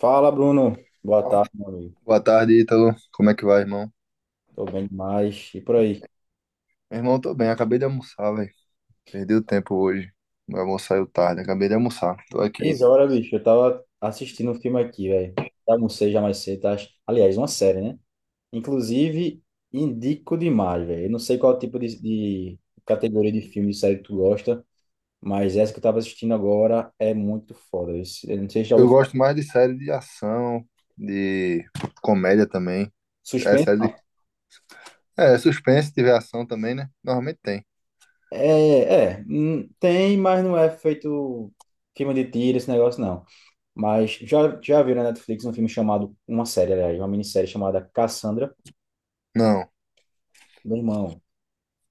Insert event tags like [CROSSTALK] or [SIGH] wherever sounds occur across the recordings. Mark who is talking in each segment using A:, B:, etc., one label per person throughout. A: Fala, Bruno. Boa tarde, meu amigo.
B: Boa tarde, Ítalo. Como é que vai, irmão?
A: Tô bem demais. E por aí?
B: Meu irmão, tô bem. Acabei de almoçar, velho. Perdi o tempo hoje. Meu almoço saiu tarde. Acabei de almoçar. Tô aqui.
A: Três horas, bicho. Eu tava assistindo um filme aqui, velho. Almocei já mais cedo. Tá? Aliás, uma série, né? Inclusive, indico demais, velho. Eu não sei qual tipo de categoria de filme, de série que tu gosta, mas essa que eu tava assistindo agora é muito foda. Eu não sei se já
B: Eu
A: ouviu falar.
B: gosto mais de série de ação, de comédia também. É
A: Suspense?
B: série
A: Não.
B: de... É, é suspense, se tiver ação também, né? Normalmente tem.
A: Tem, mas não é feito filme de tiro, esse negócio, não. Mas já viu na Netflix um filme chamado, uma série, aliás, uma minissérie chamada Cassandra,
B: Não.
A: meu irmão.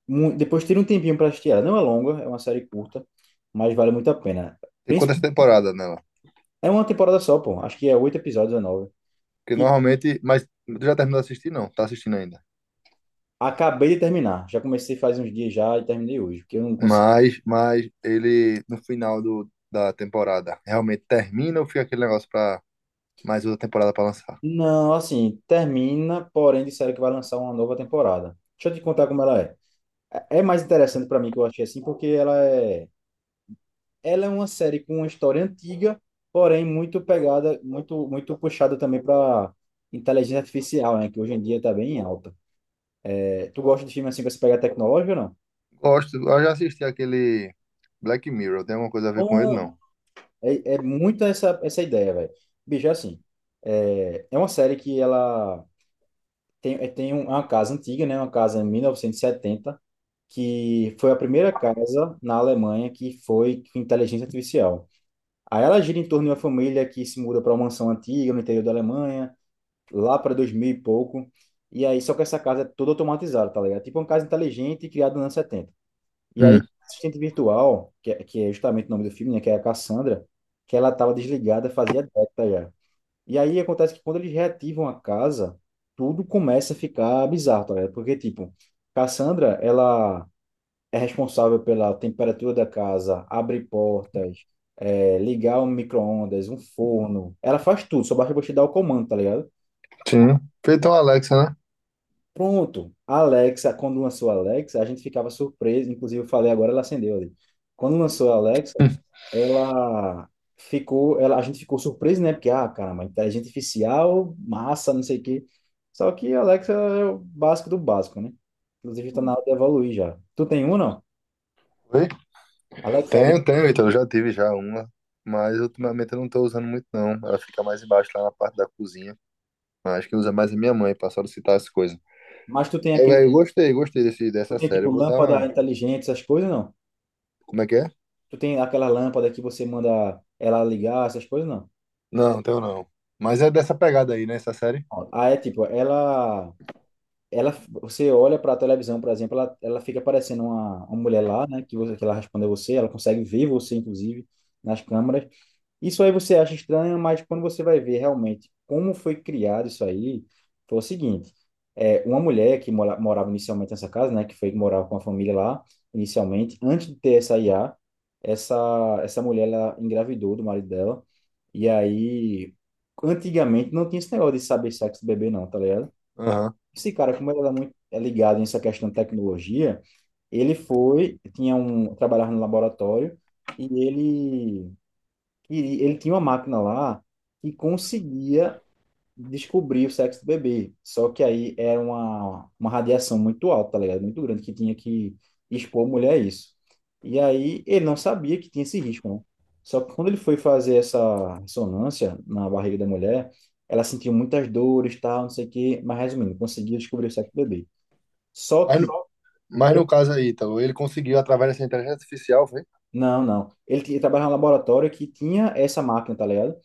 A: Depois tira um tempinho para assistir ela. Não é longa, é uma série curta, mas vale muito a pena.
B: Tem quantas
A: Principalmente,
B: temporadas nela?
A: é uma temporada só, pô. Acho que é oito episódios ou nove.
B: Porque
A: Que
B: normalmente... Mas tu já terminou de assistir? Não. Tá assistindo ainda.
A: acabei de terminar. Já comecei faz uns dias já e terminei hoje, porque eu não consigo.
B: Mas ele, no final da temporada, realmente termina ou fica aquele negócio pra mais outra temporada pra lançar?
A: Não, assim, termina, porém disseram que vai lançar uma nova temporada. Deixa eu te contar como ela é. É mais interessante para mim que eu achei assim, porque ela é uma série com uma história antiga, porém muito pegada, muito puxada também para inteligência artificial, né? Que hoje em dia está bem em alta. É, tu gosta de filme assim que você pega tecnológico ou não?
B: Gosto, eu já assisti aquele Black Mirror, tem alguma coisa a ver com ele,
A: Bom,
B: não?
A: é muito essa, essa ideia, velho. Bicho, é assim, é uma série que ela tem, é, tem um- é uma casa antiga, né? Uma casa em 1970, que foi a primeira casa na Alemanha que foi com inteligência artificial. Aí ela gira em torno de uma família que se muda para uma mansão antiga no interior da Alemanha, lá para 2000 e pouco. E aí, só que essa casa é toda automatizada, tá ligado? Tipo uma casa inteligente criada nos anos 70. E aí, a
B: Hum.
A: assistente virtual, que é justamente o nome do filme, né? Que é a Cassandra, que ela estava desligada fazia década já. E aí acontece que quando eles reativam a casa, tudo começa a ficar bizarro, tá ligado? Porque, tipo, Cassandra, ela é responsável pela temperatura da casa, abre portas, ligar um micro-ondas, um forno. Ela faz tudo, só basta você dar o comando, tá ligado?
B: Sim. Feito uma Alexa, né?
A: Pronto, a Alexa, quando lançou a Alexa, a gente ficava surpreso, inclusive eu falei agora, ela acendeu ali. Quando lançou a Alexa, ela a gente ficou surpreso, né? Porque, ah, caramba, inteligência artificial, massa, não sei o quê. Só que a Alexa é o básico do básico, né? Inclusive está na hora de evoluir já. Tu tem um, não?
B: Oi?
A: Alexa,
B: Tenho, então eu já tive já uma, mas ultimamente eu não tô usando muito, não. Ela fica mais embaixo, lá na parte da cozinha. Acho que usa mais a minha mãe pra solicitar as coisas.
A: mas
B: Eu, velho, gostei
A: tu
B: dessa
A: tem
B: série.
A: tipo
B: Eu vou dar
A: lâmpada
B: uma.
A: inteligente, essas coisas, não?
B: Como é que é?
A: Tu tem aquela lâmpada que você manda ela ligar, essas coisas, não?
B: Não, tenho não. Mas é dessa pegada aí, né, essa série?
A: Ah, é tipo, ela, você olha para a televisão, por exemplo, ela fica parecendo uma mulher lá, né? Que ela responde a você, ela consegue ver você, inclusive, nas câmeras. Isso aí você acha estranho, mas quando você vai ver realmente como foi criado isso aí, foi o seguinte: uma mulher que morava inicialmente nessa casa, né? Que foi que morava com a família lá, inicialmente, antes de ter essa IA, essa, essa mulher ela engravidou do marido dela, e aí. Antigamente não tinha esse negócio de saber sexo do bebê, não, tá ligado?
B: Aham.
A: Esse cara, como ele era muito ligado nessa questão de tecnologia, ele foi, tinha um, trabalhava no laboratório e ele, e ele tinha uma máquina lá que conseguia descobrir o sexo do bebê. Só que aí era uma radiação muito alta, tá ligado? Muito grande, que tinha que expor a mulher a isso. E aí ele não sabia que tinha esse risco, né? Só que quando ele foi fazer essa ressonância na barriga da mulher, ela sentiu muitas dores, tal, não sei o quê. Mas resumindo, conseguiu descobrir o sexo do bebê. Só
B: Mas, no,
A: que.
B: mas
A: Oi?
B: no caso aí, Ítalo, ele conseguiu, através dessa inteligência artificial, foi?
A: Não, não. Ele trabalhava em um laboratório que tinha essa máquina, tá ligado?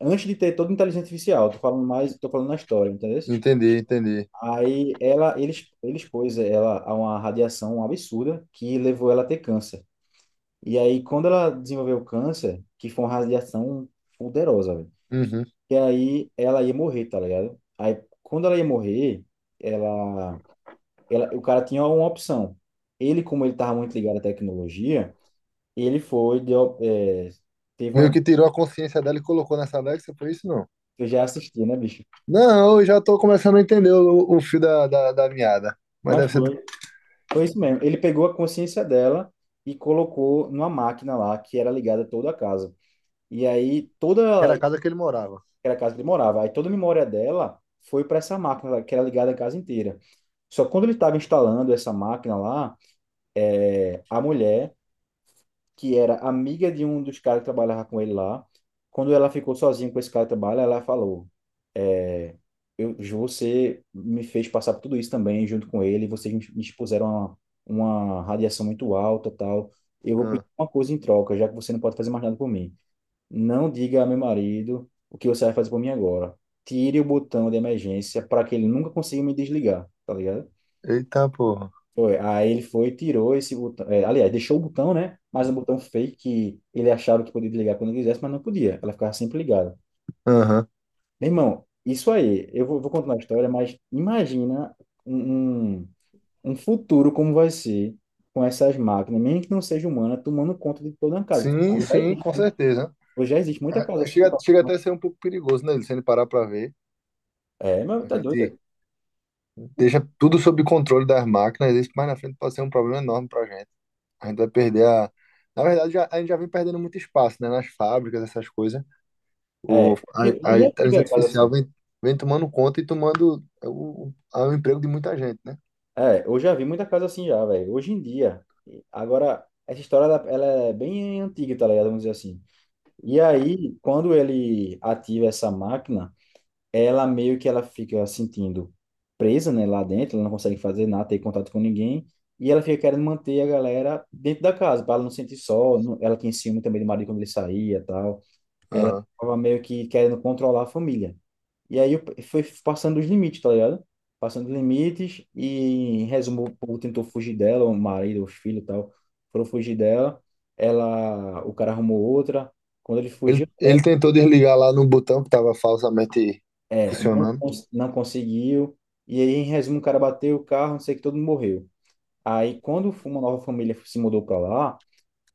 A: Antes de ter toda a inteligência artificial, tô falando na história, entendeu?
B: Entender.
A: Aí ela, ele, ex- ele expôs ela a uma radiação absurda que levou ela a ter câncer. E aí, quando ela desenvolveu câncer, que foi uma radiação poderosa, velho,
B: Uhum.
A: que aí ela ia morrer, tá ligado? Aí, quando ela ia morrer, ela, o cara tinha uma opção. Ele, como ele estava muito ligado à tecnologia, ele foi, deu, é, teve
B: Meio
A: uma.
B: que tirou a consciência dela e colocou nessa Alexa, por isso não.
A: Eu já assisti, né, bicho?
B: Não, eu já tô começando a entender o fio da meada. Mas
A: Mas
B: deve ser do-
A: foi, foi isso mesmo. Ele pegou a consciência dela e colocou numa máquina lá que era ligada a toda a casa. E aí
B: que era
A: toda
B: a casa que ele morava.
A: era a casa que ele morava, aí toda a memória dela foi para essa máquina lá, que era ligada a casa inteira. Só que quando ele estava instalando essa máquina lá, a mulher, que era amiga de um dos caras que trabalhava com ele lá, quando ela ficou sozinha com esse cara que trabalha, ela falou: é, Ju, você me fez passar por tudo isso também, junto com ele. Vocês me expuseram a uma radiação muito alta, tal. Eu vou
B: Ah.
A: pedir uma coisa em troca, já que você não pode fazer mais nada por mim. Não diga a meu marido o que você vai fazer por mim agora. Tire o botão de emergência para que ele nunca consiga me desligar, tá ligado?
B: Eita porra.
A: Foi. Aí ele foi e tirou esse botão. Aliás, deixou o botão, né? Mas um botão fake que ele achava que podia desligar quando quisesse, mas não podia. Ela ficava sempre ligada.
B: Aham.
A: Meu irmão, isso aí, vou contar a história, mas imagina um, um, um futuro como vai ser com essas máquinas, mesmo que não seja humana, tomando conta de toda a casa.
B: Sim, sim, com certeza.
A: Hoje já existe muita
B: Ah,
A: casa assim.
B: chega, chega até a ser um pouco perigoso, né? Se ele parar pra ver.
A: É, mas
B: A
A: tá
B: gente
A: doido.
B: deixa tudo sob controle das máquinas, isso mais na frente pode ser um problema enorme para a gente. A gente vai perder a. Na verdade, já- a gente já vem perdendo muito espaço, né? Nas fábricas, essas coisas. O,
A: É, hoje
B: a
A: eu já vi
B: inteligência
A: a casa
B: artificial
A: assim.
B: vem, vem tomando conta e tomando o emprego de muita gente, né?
A: É, eu já vi muita casa assim já, velho. Hoje em dia. Agora, essa história, ela é bem antiga, tá ligado? Vamos dizer assim. E aí, quando ele ativa essa máquina, ela meio que ela fica sentindo presa, né, lá dentro. Ela não consegue fazer nada, ter contato com ninguém. E ela fica querendo manter a galera dentro da casa, para ela não sentir só. Ela tinha ciúme também do marido quando ele saía e tal. Ela
B: Aham.
A: tava meio que querendo controlar a família. Foi passando os limites, tá ligado? Passando os limites e, em resumo, o povo tentou fugir dela, o marido, os filhos e tal, foram fugir dela. Ela, o cara arrumou outra. Quando ele
B: Ele,
A: fugiu,
B: ele tentou desligar lá no botão que estava falsamente
A: não,
B: funcionando.
A: não conseguiu. E aí, em resumo, o cara bateu o carro, não sei o que, todo mundo morreu. Aí, quando uma nova família se mudou pra lá,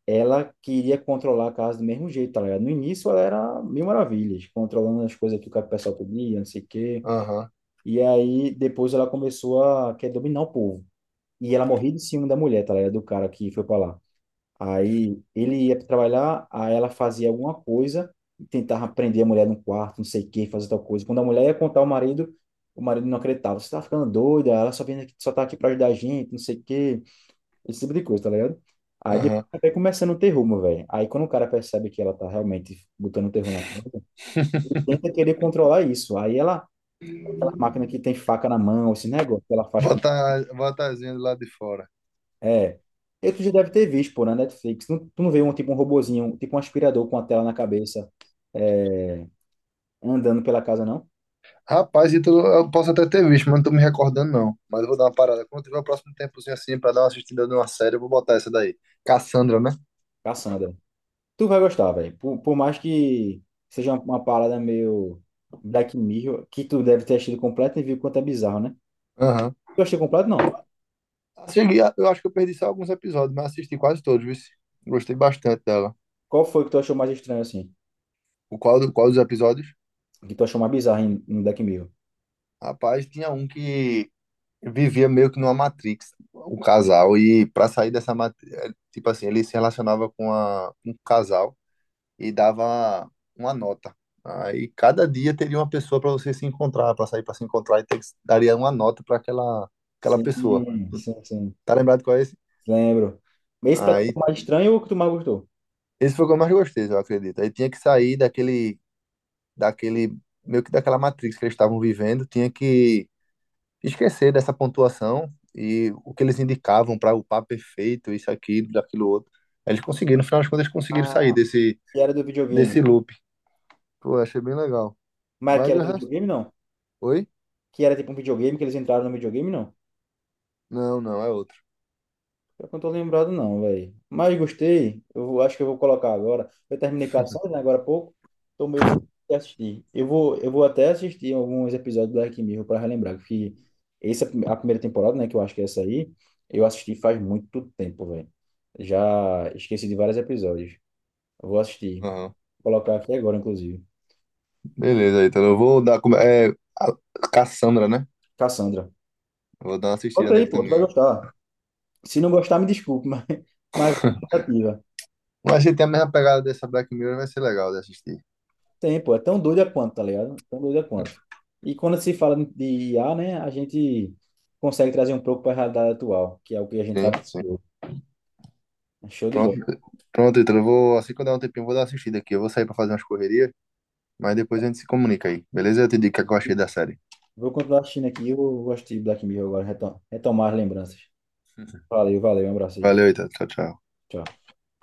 A: ela queria controlar a casa do mesmo jeito, tá ligado? No início, ela era mil maravilhas, controlando as coisas que o pessoal pedia, não sei o quê.
B: Aham,
A: E aí depois ela começou a querer dominar o povo. E ela morria de ciúme da mulher, tá ligado? Do cara que foi pra lá. Aí ele ia trabalhar, aí ela fazia alguma coisa, tentava prender a mulher num quarto, não sei o quê, fazer tal coisa. Quando a mulher ia contar ao marido, o marido não acreditava. Você tá ficando doida, ela só vem aqui, só tá aqui pra ajudar a gente, não sei o quê. Esse tipo de coisa, tá ligado? Aí depois
B: aham.
A: vai começando o terror, meu velho. Aí quando o cara percebe que ela tá realmente botando o terror na conta, ele tenta querer controlar isso. Aí ela aquela máquina que tem faca na mão, esse negócio que ela faz com.
B: Bota, bota as vendas lá de fora.
A: É. E tu já deve ter visto, pô, na Netflix. Tu não vê um tipo um robozinho, tipo um aspirador com a tela na cabeça, é, andando pela casa, não?
B: Rapaz, Ítalo, eu posso até ter visto, mas não tô me recordando, não. Mas eu vou dar uma parada. Quando tiver o próximo tempozinho assim pra dar uma assistida numa série, eu vou botar essa daí. Cassandra, né?
A: Cassandra. Tu vai gostar, velho. Por mais que seja uma parada meio Black Mirror, que tu deve ter achado completo e viu quanto é bizarro, né?
B: Aham.
A: Tu achou completo, não?
B: Assisti- Eu acho que eu perdi só alguns episódios, mas assisti quase todos, viu? Gostei bastante dela.
A: Qual foi que tu achou mais estranho, assim?
B: O qual, do- qual dos episódios?
A: Que tu achou mais bizarro em Black Mirror?
B: Rapaz, tinha um que vivia meio que numa Matrix, o casal. E pra sair dessa Matrix, tipo assim, ele se relacionava com, a, com um casal. E dava uma nota. Aí cada dia teria uma pessoa para você se encontrar, para sair para se encontrar e ter que- daria uma nota para aquela aquela
A: Sim,
B: pessoa.
A: sim, sim.
B: Tá lembrado qual é esse?
A: Lembro. Esse pra tu foi
B: Aí
A: mais estranho ou o que tu mais gostou?
B: esse foi o que eu mais gostei, eu acredito. Aí tinha que sair daquele daquele meio que daquela matrix que eles estavam vivendo, tinha que esquecer dessa pontuação e o que eles indicavam para o papo perfeito, isso aquilo, daquilo outro. Aí eles conseguiram, no final das contas, eles conseguiram sair desse
A: Que era do videogame.
B: desse loop. Pô, achei bem legal.
A: Mas que
B: Mas
A: era
B: o
A: do
B: resto,
A: videogame, não.
B: oi?
A: Que era tipo um videogame, que eles entraram no videogame, não.
B: Não, não, é outro.
A: Pior que eu não tô lembrado, não, velho. Mas gostei. Acho que eu vou colocar agora. Eu terminei Cassandra, né, agora há pouco. Tô meio sem assistir. Eu vou até assistir alguns episódios do Black Mirror para relembrar. Que essa, é a prime- a primeira temporada, né, que eu acho que é essa aí, eu assisti faz muito tempo, velho. Já esqueci de vários episódios. Eu vou assistir.
B: Aham.
A: Vou colocar aqui agora, inclusive.
B: Beleza, então eu vou dar. Como- é, a Cassandra, né?
A: Cassandra.
B: Eu vou dar uma assistida
A: Volta aí,
B: nele
A: pô. Tu vai
B: também.
A: gostar. Se não gostar, me desculpe, [LAUGHS] mas
B: [LAUGHS]
A: tentativa.
B: Mas se tem a mesma pegada dessa Black Mirror, vai ser legal de assistir.
A: Tem, pô, é tão doida quanto, tá ligado? Tão doida quanto. E quando se fala de IA, né, a gente consegue trazer um pouco para a realidade atual, que é o que a gente
B: Sim,
A: tá
B: sim.
A: vivendo. É show de bola.
B: Pronto, pronto, então eu vou, assim que eu der um tempinho, eu vou dar uma assistida aqui. Eu vou sair pra fazer umas correrias, mas depois a gente se comunica aí, beleza? Eu te digo o que é que eu achei da série.
A: Vou continuar assistindo aqui, eu gostei de Black Mirror agora, retomar as lembranças. Valeu, valeu, um abraço aí.
B: Valeu, então. Tchau, tchau.
A: Tchau.